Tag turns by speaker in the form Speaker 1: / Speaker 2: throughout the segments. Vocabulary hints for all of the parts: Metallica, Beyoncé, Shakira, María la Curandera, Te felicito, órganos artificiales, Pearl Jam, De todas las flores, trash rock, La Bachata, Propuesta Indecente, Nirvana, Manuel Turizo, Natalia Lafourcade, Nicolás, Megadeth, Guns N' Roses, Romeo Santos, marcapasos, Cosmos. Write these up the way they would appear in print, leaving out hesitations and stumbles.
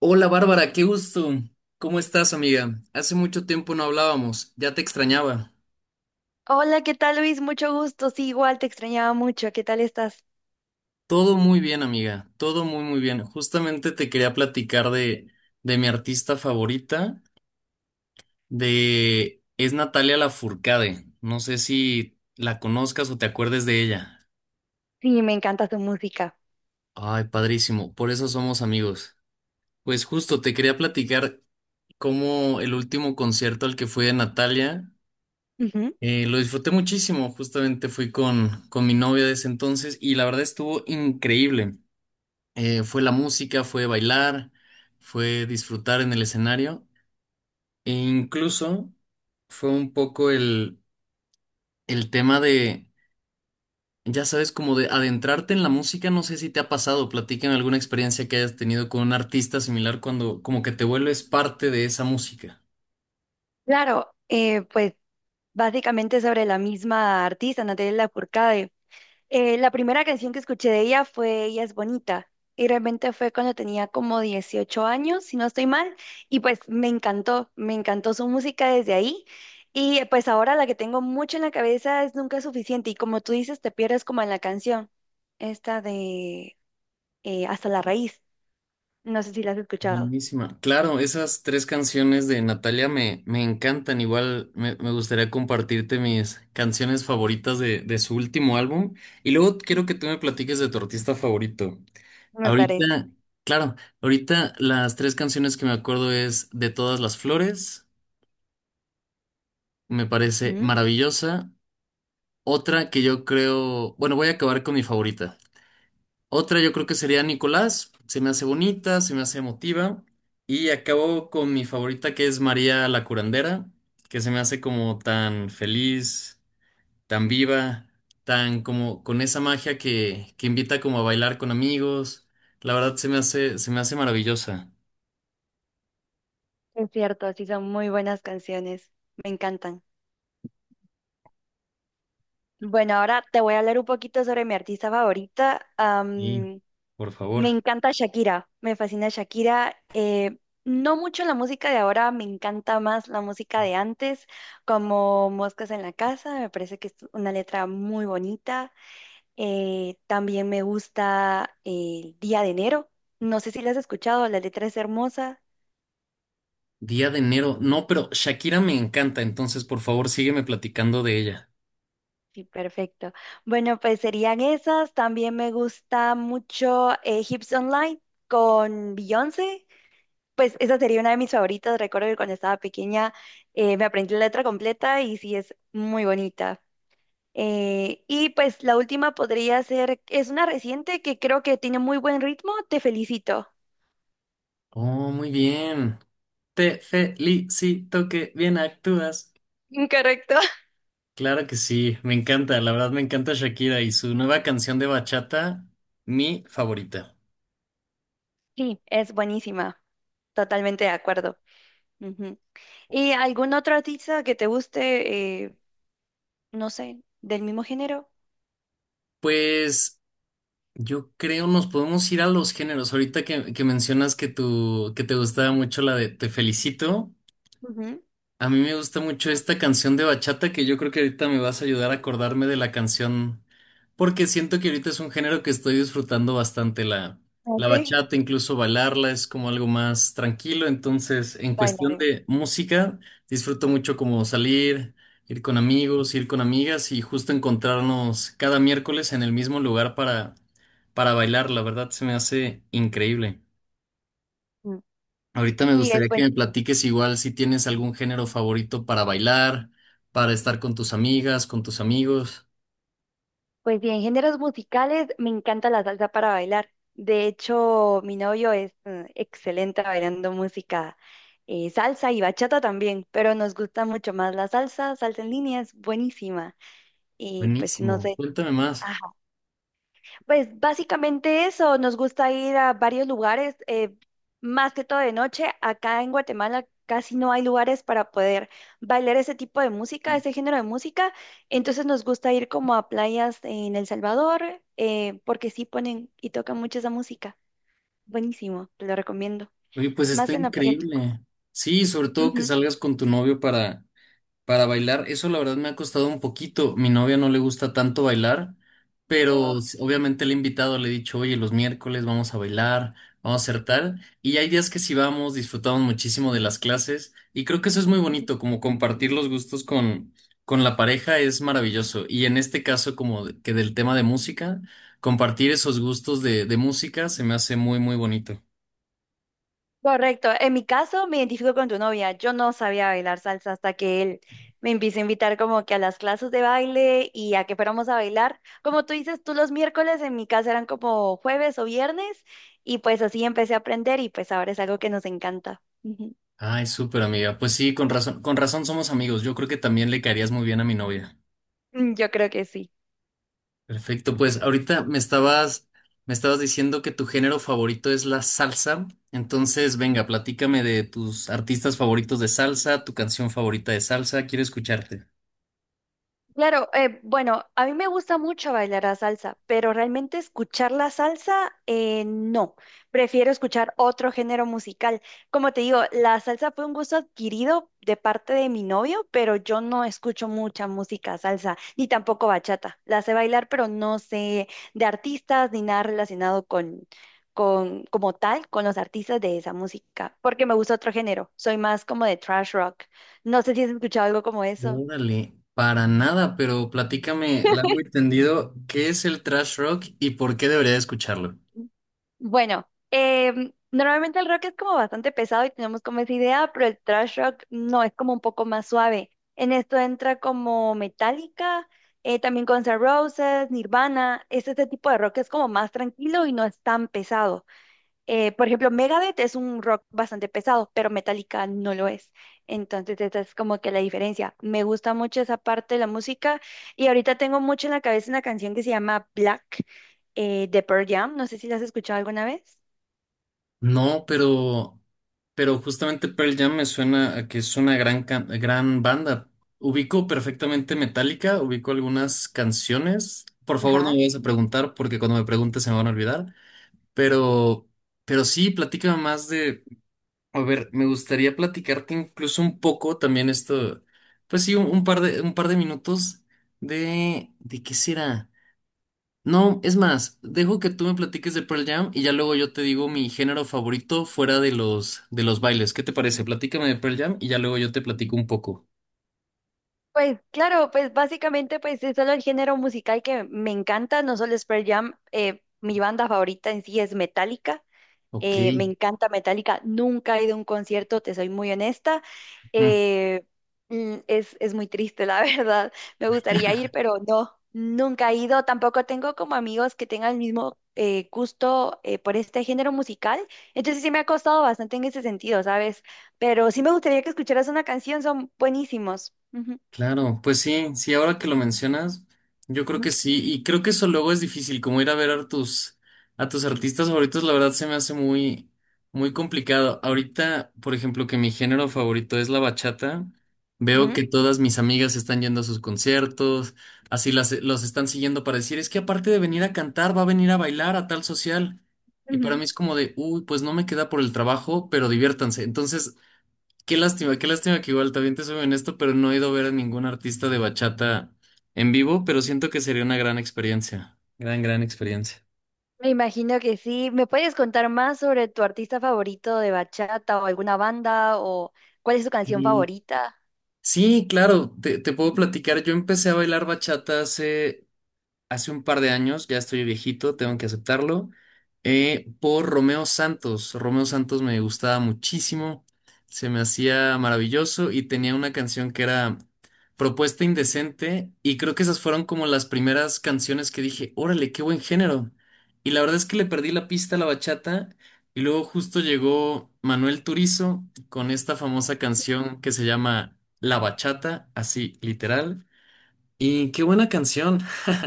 Speaker 1: Hola Bárbara, qué gusto. ¿Cómo estás, amiga? Hace mucho tiempo no hablábamos, ya te extrañaba.
Speaker 2: Hola, ¿qué tal Luis? Mucho gusto. Sí, igual te extrañaba mucho. ¿Qué tal estás?
Speaker 1: Todo muy bien, amiga, todo muy bien. Justamente te quería platicar de mi artista favorita, de... es Natalia Lafourcade. No sé si la conozcas o te acuerdes de ella.
Speaker 2: Sí, me encanta tu música.
Speaker 1: Ay, padrísimo, por eso somos amigos. Pues justo te quería platicar cómo el último concierto al que fui de Natalia.
Speaker 2: Ujú.
Speaker 1: Lo disfruté muchísimo, justamente fui con mi novia de ese entonces y la verdad estuvo increíble. Fue la música, fue bailar, fue disfrutar en el escenario e incluso fue un poco el tema ya sabes, como de adentrarte en la música, no sé si te ha pasado, platícame alguna experiencia que hayas tenido con un artista similar cuando como que te vuelves parte de esa música.
Speaker 2: Claro, pues básicamente sobre la misma artista, Natalia Lafourcade. La primera canción que escuché de ella fue Ella es bonita. Y realmente fue cuando tenía como 18 años, si no estoy mal. Y pues me encantó su música desde ahí. Y pues ahora la que tengo mucho en la cabeza es Nunca es suficiente. Y como tú dices, te pierdes como en la canción, esta de Hasta la raíz. No sé si las has escuchado.
Speaker 1: Buenísima. Claro, esas tres canciones de Natalia me encantan. Igual me gustaría compartirte mis canciones favoritas de su último álbum. Y luego
Speaker 2: Ujú.
Speaker 1: quiero que tú me platiques de tu artista favorito.
Speaker 2: Me parece.
Speaker 1: Ahorita, claro, ahorita las tres canciones que me acuerdo es De todas las flores, me parece
Speaker 2: ¿Mm?
Speaker 1: maravillosa. Otra que yo creo, bueno, voy a acabar con mi favorita. Otra yo creo que sería Nicolás, se me hace bonita, se me hace emotiva. Y acabo con mi favorita que es María la Curandera, que se me hace como tan feliz, tan viva, tan como con esa magia que invita como a bailar con amigos. La verdad se me hace maravillosa.
Speaker 2: Es cierto, sí son muy buenas canciones. Me encantan. Bueno, ahora te voy a hablar un poquito sobre mi artista favorita.
Speaker 1: Y, por
Speaker 2: Me
Speaker 1: favor.
Speaker 2: encanta Shakira, me fascina Shakira. No mucho la música de ahora, me encanta más la música de antes, como Moscas en la Casa, me parece que es una letra muy bonita. También me gusta el Día de Enero. No sé si la has escuchado, la letra es hermosa.
Speaker 1: Día de enero. No, pero Shakira me encanta, entonces por favor sígueme platicando de ella.
Speaker 2: Sí, perfecto. Bueno, pues serían esas. También me gusta mucho Hips Online con Beyoncé. Pues esa sería una de mis favoritas. Recuerdo que cuando estaba pequeña me aprendí la letra completa y sí es muy bonita. Y pues la última podría ser, es una reciente que creo que tiene muy buen ritmo. Te felicito.
Speaker 1: Oh, muy bien. Te felicito que bien actúas.
Speaker 2: Incorrecto.
Speaker 1: Claro que sí, me encanta, la verdad me encanta Shakira y su nueva canción de bachata, mi favorita.
Speaker 2: Sí, es buenísima. Totalmente de acuerdo. Ujú. ¿Y algún otro artista que te guste, no sé, del mismo género?
Speaker 1: Pues yo creo nos podemos ir a los géneros. Ahorita que mencionas que, tu, que te gustaba mucho la de Te felicito.
Speaker 2: Ujú.
Speaker 1: A mí me gusta mucho esta canción de bachata que yo creo que ahorita me vas a ayudar a acordarme de la canción porque siento que ahorita es un género que estoy disfrutando bastante la
Speaker 2: Sí.
Speaker 1: bachata, incluso bailarla es como algo más tranquilo, entonces en cuestión
Speaker 2: Bailarla.
Speaker 1: de música disfruto mucho como salir, ir con amigos, ir con amigas y justo encontrarnos cada miércoles en el mismo lugar para bailar, la verdad se me hace increíble.
Speaker 2: Mm.
Speaker 1: Ahorita me
Speaker 2: Sí, es
Speaker 1: gustaría que me
Speaker 2: buenísimo.
Speaker 1: platiques igual si tienes algún género favorito para bailar, para estar con tus amigas, con tus amigos.
Speaker 2: Pues bien, géneros musicales, me encanta la salsa para bailar. De hecho, mi novio es excelente bailando música salsa y bachata también, pero nos gusta mucho más la salsa, salsa en línea es buenísima. Y pues no
Speaker 1: Buenísimo,
Speaker 2: sé,
Speaker 1: cuéntame más.
Speaker 2: pues básicamente eso, nos gusta ir a varios lugares, más que todo de noche. Acá en Guatemala casi no hay lugares para poder bailar ese tipo de música, ese género de música. Entonces nos gusta ir como a playas en El Salvador, porque sí ponen y tocan mucho esa música. Buenísimo, te lo recomiendo.
Speaker 1: Oye, pues
Speaker 2: Más
Speaker 1: está
Speaker 2: en la playa del Tuco.
Speaker 1: increíble. Sí, sobre todo que
Speaker 2: Ujú.
Speaker 1: salgas con tu novio para. Para bailar, eso la verdad me ha costado un poquito. Mi novia no le gusta tanto bailar,
Speaker 2: Oh,
Speaker 1: pero obviamente le he invitado, le he dicho, oye, los miércoles vamos a bailar, vamos a hacer tal. Y hay días que sí vamos, disfrutamos muchísimo de las clases y creo que eso es muy
Speaker 2: ujú.
Speaker 1: bonito, como compartir los gustos con la pareja es maravilloso. Y en este caso, como que del tema de música, compartir esos gustos de música se me hace muy bonito.
Speaker 2: Correcto. En mi caso, me identifico con tu novia. Yo no sabía bailar salsa hasta que él me empieza a invitar como que a las clases de baile y a que fuéramos a bailar. Como tú dices, tú los miércoles en mi casa eran como jueves o viernes y pues así empecé a aprender y pues ahora es algo que nos encanta. Ujú.
Speaker 1: Ay, súper amiga. Pues sí, con razón somos amigos. Yo creo que también le caerías muy bien a mi novia.
Speaker 2: Mm, yo creo que sí.
Speaker 1: Perfecto, pues ahorita me estabas diciendo que tu género favorito es la salsa. Entonces, venga, platícame de tus artistas favoritos de salsa, tu canción favorita de salsa, quiero escucharte.
Speaker 2: Claro, bueno, a mí me gusta mucho bailar la salsa, pero realmente escuchar la salsa, no. Prefiero escuchar otro género musical. Como te digo, la salsa fue un gusto adquirido de parte de mi novio, pero yo no escucho mucha música salsa, ni tampoco bachata. La sé bailar, pero no sé de artistas ni nada relacionado como tal, con los artistas de esa música, porque me gusta otro género. Soy más como de trash rock. No sé si has escuchado algo como eso.
Speaker 1: Órale, para nada, pero platícame largo y tendido, ¿qué es el trash rock y por qué debería de escucharlo?
Speaker 2: Bueno, normalmente el rock es como bastante pesado y tenemos como esa idea, pero el thrash rock no, es como un poco más suave. En esto entra como Metallica, también Guns N' Roses, Nirvana, es ese tipo de rock que es como más tranquilo y no es tan pesado. Por ejemplo, Megadeth es un rock bastante pesado, pero Metallica no lo es. Entonces, esa es como que la diferencia. Me gusta mucho esa parte de la música y ahorita tengo mucho en la cabeza una canción que se llama Black, de Pearl Jam. No sé si la has escuchado alguna vez.
Speaker 1: No, pero justamente Pearl Jam me suena a que es una gran, gran banda. Ubico perfectamente Metallica, ubico algunas canciones. Por favor, no me
Speaker 2: Ajá.
Speaker 1: vayas a preguntar porque cuando me preguntes se me van a olvidar. Pero, pero sí, platícame más de. A ver, me gustaría platicarte incluso un poco también esto. Pues sí, un par de minutos de. ¿De qué será? No, es más, dejo que tú me platiques de Pearl Jam y ya luego yo te digo mi género favorito fuera de los bailes. ¿Qué te parece? Platícame de Pearl Jam y ya luego yo te platico un poco.
Speaker 2: Pues claro, pues básicamente pues es solo el género musical que me encanta, no solo es Pearl Jam, mi banda favorita en sí es Metallica.
Speaker 1: Ok.
Speaker 2: Me encanta Metallica, nunca he ido a un concierto, te soy muy honesta. Eh, es muy triste, la verdad. Me gustaría ir, pero no, nunca he ido. Tampoco tengo como amigos que tengan el mismo gusto por este género musical. Entonces sí me ha costado bastante en ese sentido, ¿sabes? Pero sí me gustaría que escucharas una canción, son buenísimos. Ujú,
Speaker 1: Claro, pues sí, sí, ahora que lo mencionas, yo creo que
Speaker 2: ujú,
Speaker 1: sí, y creo que eso luego es difícil, como ir a ver a tus artistas favoritos, la verdad se me hace muy complicado. Ahorita, por ejemplo, que mi género favorito es la bachata, veo
Speaker 2: ujú,
Speaker 1: que todas mis amigas están yendo a sus conciertos, así las, los están siguiendo para decir, es que aparte de venir a cantar, va a venir a bailar a tal social. Y para
Speaker 2: ujú.
Speaker 1: mí es como de, uy, pues no me queda por el trabajo, pero diviértanse. Entonces, qué lástima, qué lástima que igual también te soy honesto, pero no he ido a ver a ningún artista de bachata en vivo, pero siento que sería una gran experiencia. Gran experiencia.
Speaker 2: Me imagino que sí. ¿Me puedes contar más sobre tu artista favorito de bachata o alguna banda o cuál es tu canción
Speaker 1: Sí,
Speaker 2: favorita?
Speaker 1: sí, claro, te puedo platicar. Yo empecé a bailar bachata hace un par de años, ya estoy viejito, tengo que aceptarlo, por Romeo Santos. Romeo Santos me gustaba muchísimo, se me hacía maravilloso y tenía una canción que era Propuesta Indecente y creo que esas fueron como las primeras canciones que dije, órale, qué buen género. Y la verdad es que le perdí la pista a la bachata y luego justo llegó Manuel Turizo con esta famosa canción que se llama La Bachata, así literal. Y qué buena canción.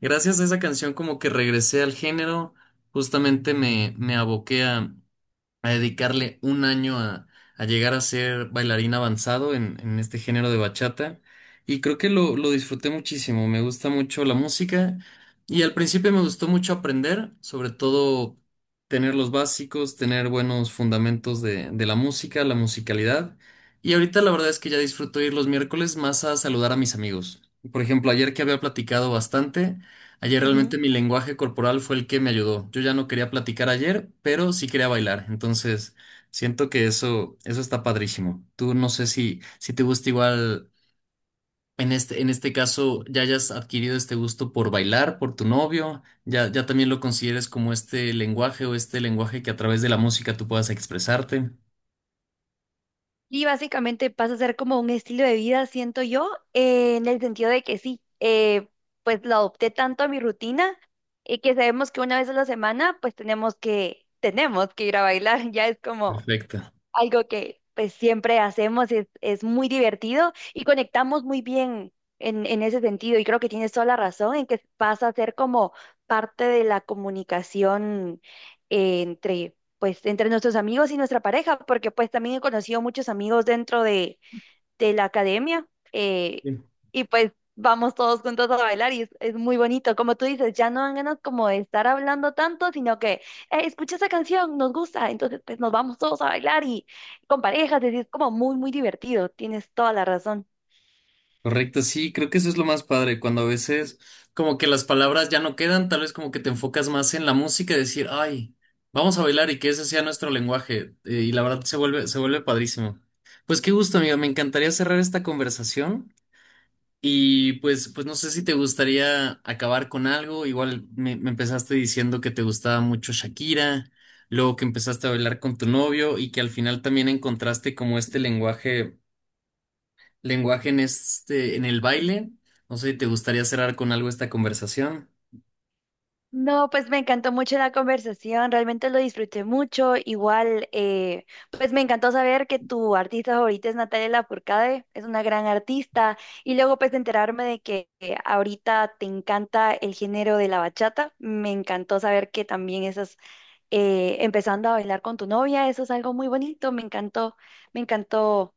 Speaker 1: Gracias a esa canción como que regresé al género, justamente me aboqué a dedicarle un año a llegar a ser bailarín avanzado en este género de bachata y creo que lo disfruté muchísimo, me gusta mucho la música y al principio me gustó mucho aprender, sobre todo tener los básicos, tener buenos fundamentos de la música, la musicalidad y ahorita la verdad es que ya disfruto ir los miércoles más a saludar a mis amigos. Por ejemplo, ayer que había platicado bastante, ayer
Speaker 2: Ujú.
Speaker 1: realmente mi lenguaje corporal fue el que me ayudó. Yo ya no quería platicar ayer, pero sí quería bailar. Entonces, siento que eso está padrísimo. Tú no sé si te gusta igual, en este, caso, ya hayas adquirido este gusto por bailar, por tu novio, ya también lo consideres como este lenguaje o este lenguaje que a través de la música tú puedas expresarte.
Speaker 2: Y básicamente pasa a ser como un estilo de vida, siento yo, en el sentido de que sí, pues lo adopté tanto a mi rutina que sabemos que una vez a la semana pues tenemos que ir a bailar, ya es como
Speaker 1: Perfecto.
Speaker 2: algo que pues siempre hacemos, es muy divertido y conectamos muy bien en ese sentido. Y creo que tienes toda la razón en que pasa a ser como parte de la comunicación entre, pues, entre nuestros amigos y nuestra pareja, porque pues también he conocido muchos amigos dentro de la academia, eh, y pues vamos todos juntos a bailar y es muy bonito. Como tú dices, ya no dan ganas como de estar hablando tanto, sino que escucha esa canción, nos gusta, entonces pues nos vamos todos a bailar y con parejas, y es como muy, muy divertido. Tienes toda la razón.
Speaker 1: Correcto, sí, creo que eso es lo más padre, cuando a veces como que las palabras ya no quedan, tal vez como que te enfocas más en la música y decir, ay, vamos a bailar y que ese sea nuestro lenguaje. Y la verdad se vuelve padrísimo. Pues qué gusto, amigo, me encantaría cerrar esta conversación y pues, pues no sé si te gustaría acabar con algo, igual me empezaste diciendo que te gustaba mucho Shakira, luego que empezaste a bailar con tu novio y que al final también encontraste como este lenguaje en este, en el baile. No sé si te gustaría cerrar con algo esta conversación.
Speaker 2: No, pues me encantó mucho la conversación, realmente lo disfruté mucho. Igual, pues me encantó saber que tu artista favorita es Natalia Lafourcade, es una gran artista. Y luego pues enterarme de que ahorita te encanta el género de la bachata. Me encantó saber que también estás empezando a bailar con tu novia, eso es algo muy bonito. Me encantó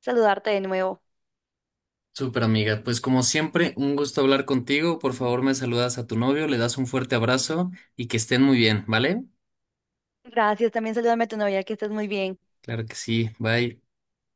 Speaker 2: saludarte de nuevo.
Speaker 1: Súper amiga, pues como siempre, un gusto hablar contigo. Por favor, me saludas a tu novio, le das un fuerte abrazo y que estén muy bien, ¿vale?
Speaker 2: Gracias, también salúdame a tu novia, que estés muy bien.
Speaker 1: Claro que sí, bye.